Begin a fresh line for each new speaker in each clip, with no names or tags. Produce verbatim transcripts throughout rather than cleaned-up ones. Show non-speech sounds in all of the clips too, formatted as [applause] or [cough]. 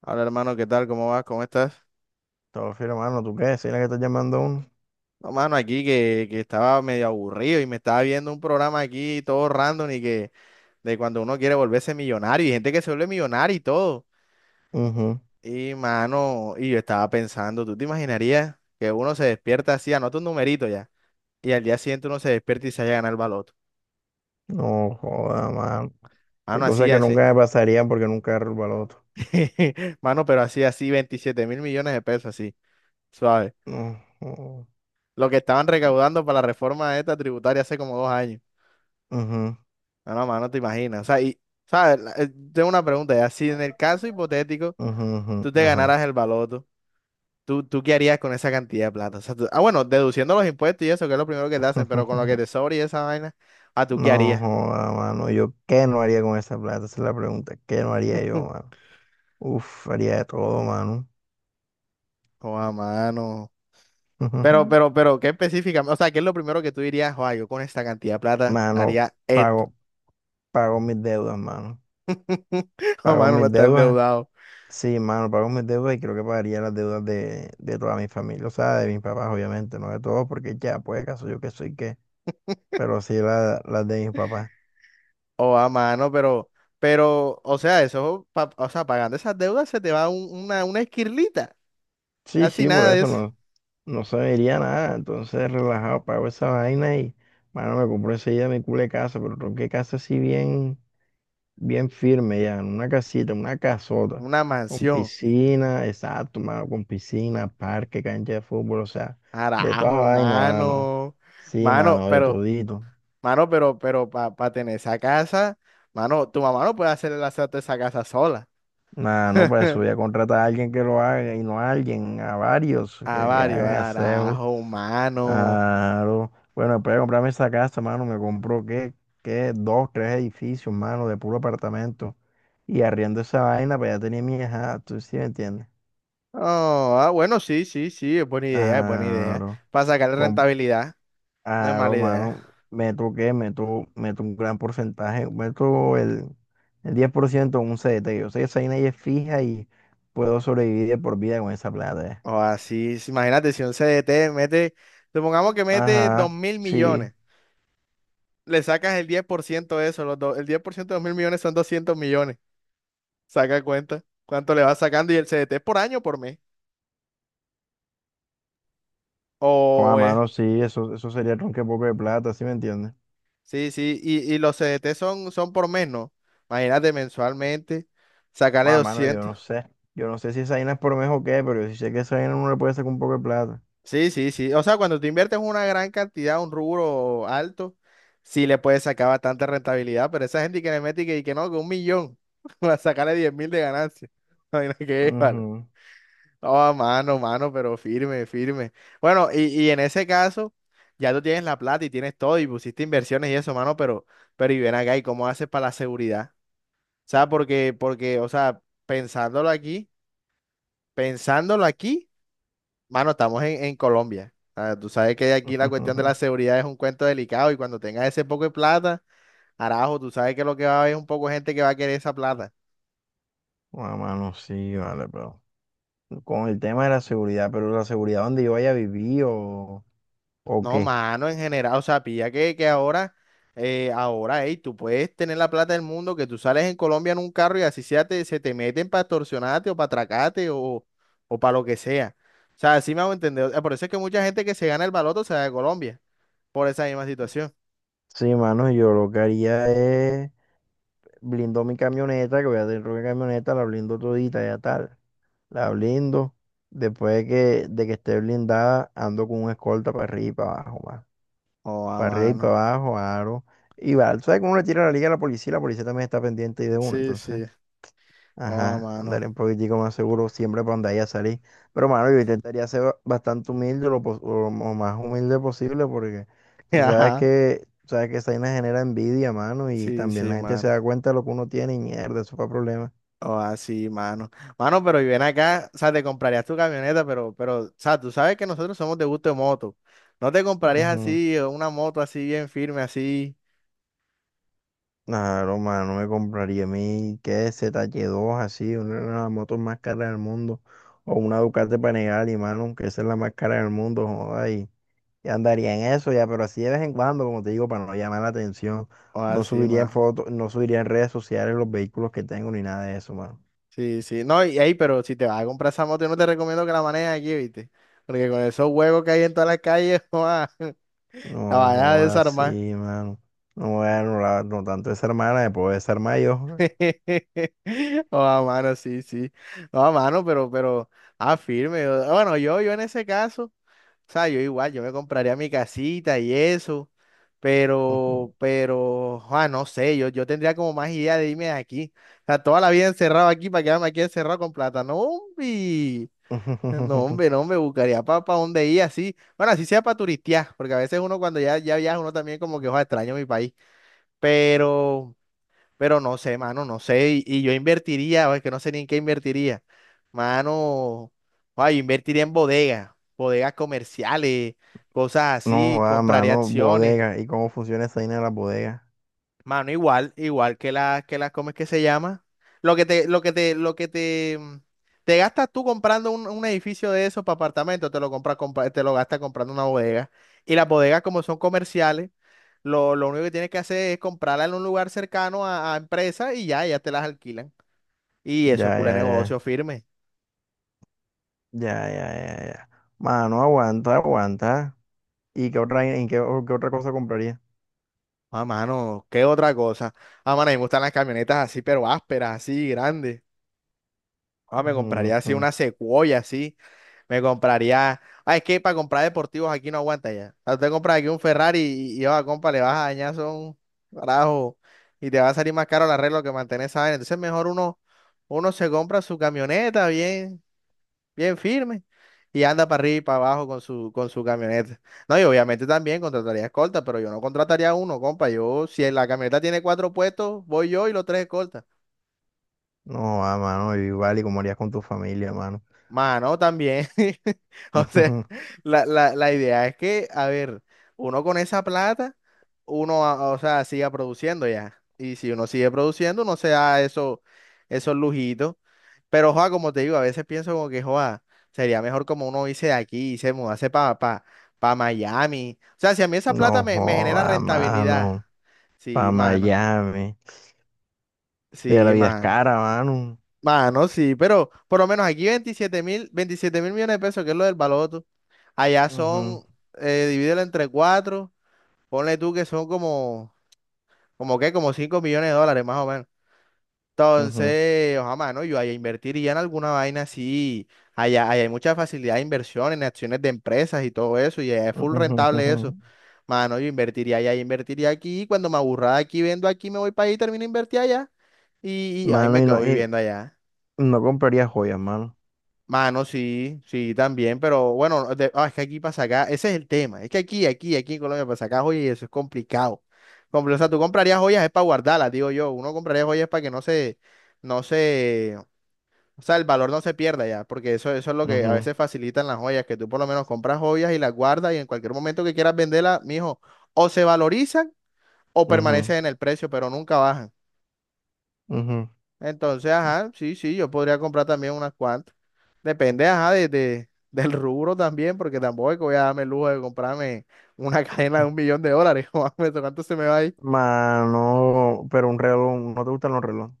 Hola, hermano, ¿qué tal? ¿Cómo vas? ¿Cómo estás?
Todo firme, mano. ¿Tú qué? ¿Sí la que estás llamando a uno?
No, mano, aquí que, que estaba medio aburrido y me estaba viendo un programa aquí todo random y que de cuando uno quiere volverse millonario y gente que se vuelve millonario y todo.
Ujú.
Y mano, y yo estaba pensando, ¿tú te imaginarías que uno se despierta así, anota un numerito ya, y al día siguiente uno se despierta y se haya ganado el baloto?
No joda, mano. Hay
Mano,
cosas
así,
que
así.
nunca me pasarían porque nunca derrubo el baloto.
[laughs] Mano, pero así, así, veintisiete mil millones de pesos, así, suave.
No joda.
Lo que estaban recaudando para la reforma esta tributaria hace como dos años.
Ujú,
No, no, mano, te imaginas. O sea, y ¿sabes? La- eh, Tengo una pregunta ya. Si en el caso hipotético
ujú, ujú,
tú te
ajá.
ganaras el baloto, ¿tú, tú qué harías con esa cantidad de plata? O sea, tú- ah, bueno, deduciendo los impuestos y eso, que es lo primero que te hacen, pero con lo que
[laughs]
te sobra y esa vaina, ¿a tú qué
No
harías?
joda, mano. ¿Yo qué no haría con esa plata? Esa es la pregunta. ¿Qué no haría yo,
[laughs]
mano? Uf, haría de todo, mano.
Joa, mano. Pero,
[laughs]
pero, pero, ¿qué específica? O sea, ¿qué es lo primero que tú dirías? Joa, yo con esta cantidad de plata
Mano,
haría esto.
pago, pago mis deudas, mano.
[laughs] Joa,
Pago
mano, no
mis
está
deudas.
endeudado.
Sí, mano, pago mis deudas y creo que pagaría las deudas de, de toda mi familia, o sea, de mis papás, obviamente, no de todos, porque ya, pues, caso yo que soy qué, pero sí la- las de mis papás.
Joa, mano, pero, pero, o sea, eso, pa- o sea, pagando esas deudas se te va un- una, una esquirlita.
Sí,
Así
sí, por
nada de
eso
eso.
no, no se me iría nada, entonces relajado, pago esa vaina y, mano, me compro enseguida mi culo de casa, pero creo que casa así bien, bien firme ya, en una casita, una casota,
Una
con
mansión.
piscina, exacto, mano, con piscina, parque, cancha de fútbol, o sea, de toda
Carajo,
vaina, mano.
mano.
Sí,
Mano,
mano, de
pero,
todito.
mano, pero, pero, para tener esa casa, mano, tu mamá no puede hacer el asalto de esa casa sola.
Nah, no, pues eso, voy a contratar a alguien que lo haga y no a alguien, a varios
A
que, que
varios,
hagan aseo.
carajo, mano.
Claro. Bueno, después de comprarme esa casa, mano, me compró qué, qué, dos, tres edificios, mano, de puro apartamento. Y arriendo esa vaina, pues ya tenía mi hija, tú sí me entiendes.
Oh, ah, bueno, sí, sí, sí, es buena idea, es buena idea.
Claro.
Para sacarle
Com-
rentabilidad, no es
Claro,
mala idea.
mano, meto qué, meto, meto un gran porcentaje, meto el, el diez por ciento en un C D T. Yo sé que esa vaina ya es fija y puedo sobrevivir de por vida con esa plata. ¿Eh?
O así, sí, imagínate si un C D T mete, supongamos que mete dos
Ajá,
mil
sí.
millones, le sacas el diez por ciento de eso, los do- el diez por ciento de dos mil millones son doscientos millones. Saca cuenta cuánto le vas sacando y el C D T es por año o por mes.
Con a
O, es.
mano, sí, eso, eso sería tronque poco de plata, ¿sí me entiendes?
Sí, sí, y, y los C D T son, son por mes, ¿no? Imagínate mensualmente, sacarle
Con a mano, yo
doscientos.
no sé. Yo no sé si esa vaina es por mes o qué, pero yo sí sé que esa vaina uno le puede sacar un poco de plata.
Sí, sí, sí. O sea, cuando te inviertes una gran cantidad, un rubro alto, sí le puedes sacar bastante rentabilidad, pero esa gente que le mete y que, y que no, que un millón, [laughs] para sacarle diez mil de ganancia. [laughs] Imagina que vale.
Ujú.
No, mano, mano, pero firme, firme. Bueno, y, y en ese caso, ya tú tienes la plata y tienes todo y pusiste inversiones y eso, mano, pero, pero y ven acá, ¿y cómo haces para la seguridad? O sea, porque, porque, o sea, pensándolo aquí, pensándolo aquí, mano, estamos en, en Colombia. Ah, tú sabes que aquí la cuestión de la
[laughs]
seguridad es un cuento delicado y cuando tengas ese poco de plata, arajo, tú sabes que lo que va a haber es un poco de gente que va a querer esa plata.
Con a mano, sí, vale, pero. Con el tema de la seguridad, pero la seguridad donde yo vaya a vivir o, o
No,
qué.
mano, en general, o sea, pilla que, que ahora, eh, ahora, ey, tú puedes tener la plata del mundo, que tú sales en Colombia en un carro y así sea, te, se te meten para extorsionarte o para atracarte o, o para lo que sea. O sea, así me hago entender. O sea, por eso es que mucha gente que se gana el baloto se va de Colombia, por esa misma situación.
Sí, mano, yo lo que haría es blindo mi camioneta, que voy a tener una camioneta, la blindo todita, ya tal. La blindo. Después de que, de que esté blindada, ando con un escolta para arriba y para abajo, más.
Oh, a
Para arriba y
mano.
para abajo, aro. Y va, tú sabes que uno le tira la liga a la policía, la policía también está pendiente y de uno.
Sí,
Entonces,
sí, oh, a
ajá,
mano.
andar un poquitico más seguro siempre para andar y a salir. Pero, mano, yo intentaría ser ba- bastante humilde, lo, pos- o lo más humilde posible, porque
[laughs]
tú sabes
Ajá,
que, tú sabes que esa vaina genera envidia, mano, y
sí,
también
sí,
la gente se
mano.
da cuenta de lo que uno tiene y mierda, eso fue problema.
O así, mano. Mano, pero y ven acá, o sea, te comprarías tu camioneta, pero, pero, o sea, tú sabes que nosotros somos de gusto de moto. No te comprarías
Ujú.
así, eh, una moto así bien firme, así,
Claro, mano, no me compraría a mí, que Z zh dos así, una de las motos más caras del mundo, o una Ducati Panigale, mano, aunque esa es la más cara del mundo, joda, y, y andaría en eso ya, pero así de vez en cuando, como te digo, para no llamar la atención,
o
no
así,
subiría en
mano.
fotos, no subiría en redes sociales los vehículos que tengo, ni nada de eso, mano.
Sí, sí. No, y ahí, pero si te vas a comprar esa moto, yo no te recomiendo que la manejes aquí, ¿viste? Porque con esos huevos que hay en todas las calles, [laughs] joa, la
No,
vayas a
joda, sí,
desarmar.
mano. No, bueno, la- no tanto esa hermana, me puedo desarmar yo.
[laughs] Oh, a mano, sí, sí. No, a mano, pero, pero, ah, firme. Bueno, yo, yo en ese caso, o sea, yo igual, yo me compraría mi casita y eso. Pero, pero, ah, no sé, yo, yo tendría como más idea de irme de aquí. O sea, toda la vida encerrado aquí para quedarme aquí encerrado con plata. No, hombre. No, hombre,
[laughs]
no, me buscaría para dónde ir así. Bueno, así sea para turistear, porque a veces uno cuando ya, ya viaja, uno también como que, ojalá extraño mi país. Pero, pero no sé, mano, no sé. Y, y yo invertiría, o es que no sé ni en qué invertiría. Mano, ay, yo invertiría en bodegas, bodegas comerciales, cosas
No,
así,
va,
compraría
mano,
acciones.
bodega, ¿y cómo funciona esa vaina de la bodega?
Mano, igual, igual que la, que la, ¿cómo es que se llama? Lo que te, lo que te, lo que te, mm, te gastas tú comprando un, un edificio de esos para apartamentos, te lo compras, compa- te lo gastas comprando una bodega. Y las bodegas, como son comerciales, lo, lo único que tienes que hacer es comprarla en un lugar cercano a, a empresas y ya, ya te las alquilan. Y eso
Ya,
es culo de
ya,
negocio
ya,
firme.
ya, ya, ya, ya. Mano, aguanta, aguanta. ¿Y qué otra, en qué, o- qué otra cosa compraría?
Ah, mano, ¿qué otra cosa? Ah, mano, a mí me gustan las camionetas así, pero ásperas, así, grandes. Ah, me compraría así
Ujú.
una Sequoia, así. Me compraría. Ah, es que para comprar deportivos aquí no aguanta ya. O sea, usted compra aquí un Ferrari y, y, oh, compa, le vas a dañar son carajo. Y te va a salir más caro el arreglo que mantener esa vaina. Entonces, mejor uno, uno se compra su camioneta bien, bien firme y anda para arriba y para abajo con su, con su camioneta. No, y obviamente también contrataría escolta, pero yo no contrataría uno, compa. Yo, si la camioneta tiene cuatro puestos, voy yo y los tres escoltas.
No, ah, mano, igual, ¿y cómo harías con tu familia, mano?
Mano, también. [laughs] O sea,
Ujú.
la, la, la idea es que, a ver, uno con esa plata, uno, a- o sea, siga produciendo ya. Y si uno sigue produciendo, uno se da eso, esos lujitos. Pero, joa, como te digo, a veces pienso como que, joa, sería mejor como uno irse de aquí y se mudase para pa, pa pa Miami. O sea, si a mí esa plata
No,
me, me genera
joda,
rentabilidad.
mano,
Sí,
para
mano.
Miami. Pero la
Sí,
vida es
mano.
cara, mano.
Mano, sí, pero por lo menos aquí 27 mil, 27 mil millones de pesos, que es lo del baloto. Allá
Ujú,
son, eh, divídelo entre cuatro, ponle tú que son como, como qué, como cinco millones de dólares más o menos.
ujú,
Entonces, ojalá, mano, yo allá invertiría en alguna vaina así. Allá, allá hay mucha facilidad de inversión en acciones de empresas y todo eso, y allá es full
ujú,
rentable
ujú.
eso. Mano, yo invertiría allá, yo invertiría aquí, y cuando me aburra de aquí, vendo aquí, me voy para allá y termino de invertir allá. Y, y ahí
Mano,
me
y
quedo
no, y
viviendo allá.
no compraría joyas, mano.
Mano, sí, sí, también, pero bueno, de- ah, es que aquí para sacar, ese es el tema, es que aquí, aquí, aquí en Colombia para sacar joyas y eso es complicado. Compl- O sea, tú comprarías joyas es para guardarlas, digo yo, uno compraría joyas para que no se, no se, o sea, el valor no se pierda ya, porque eso, eso es lo que a
Ujú,
veces facilitan las joyas, que tú por lo menos compras joyas y las guardas y en cualquier momento que quieras venderlas, mijo, o se valorizan o
ujú,
permanecen en el precio, pero nunca bajan. Entonces, ajá, sí, sí, yo podría comprar también unas cuantas. Depende, ajá, de, de- [laughs] del rubro también, porque tampoco es que voy a darme el lujo de comprarme una [laughs] cadena de
ujú.
un millón de dólares. [laughs] Joder, maestro, ¿cuánto se me va ahí?
Mano, pero un reloj, ¿no te gustan los relojes?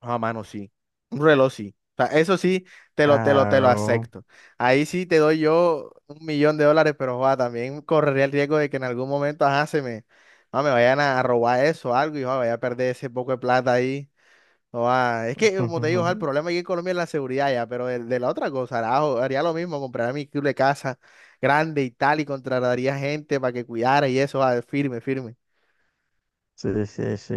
Ah, mano, sí. Un reloj, sí. O sea, eso sí, te lo, te lo, te lo
Claro.
acepto. Ahí sí te doy yo un millón de dólares, pero joda también correría el riesgo de que en algún momento, ajá, se me, ah, me vayan a robar eso o algo y joda vaya a perder ese poco de plata ahí. No, ah, es que, como te digo, ah, el
[laughs]
problema aquí en Colombia es la seguridad ya, pero de, de la otra cosa, hará- haría lo mismo, compraría mi club de casa grande y tal, y contrataría gente para que cuidara y eso, ah, firme, firme.
Sí, sí, sí.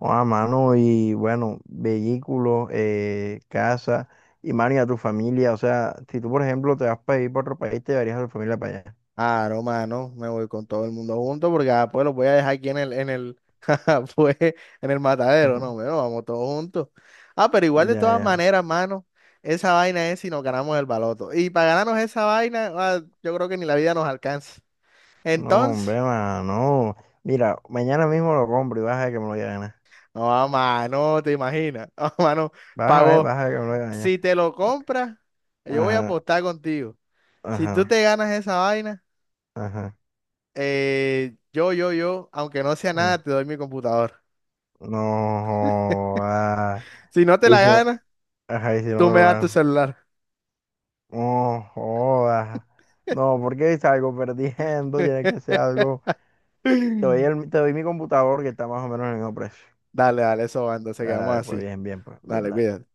A mano, y bueno, vehículos, eh, casa, y mano, y a tu familia. O sea, si tú, por ejemplo, te vas para ir para otro país, te llevarías a tu familia para allá.
Ah, no, mano, me voy con todo el mundo junto porque ah, pues los voy a dejar aquí en el, en el, [laughs] jaja, pues, en el matadero, no,
[laughs]
bueno, vamos todos juntos. Ah, pero igual de
Ya,
todas
ya.
maneras, mano, esa vaina es si nos ganamos el baloto. Y para ganarnos esa vaina, ah, yo creo que ni la vida nos alcanza.
No,
Entonces...
hombre, mano. Mira, mañana mismo lo compro y vas a ver que me lo voy a ganar.
No, a mano, te imaginas. [laughs] No, mano,
Vas a ver,
pagó.
vas a ver que me lo voy a ganar.
Si te lo compras, yo voy a
Ajá,
apostar contigo. Si tú
ajá,
te ganas esa vaina,
ajá.
eh, yo, yo, yo, aunque no sea
Mm.
nada, te doy mi computadora. [laughs]
No, joda.
Si no te
Y
la
si,
ganas,
ajá, y si no
tú
me
me
lo
das tu
gano.
celular.
No jodas. No, porque salgo perdiendo, [laughs] tiene que ser
[laughs]
algo. Te doy, el- te doy mi computador que está más o menos en el mismo precio.
Dale, dale, eso va, entonces
Dale,
quedamos
dale, pues
así.
bien, bien, pues bien,
Dale,
dale.
cuídate.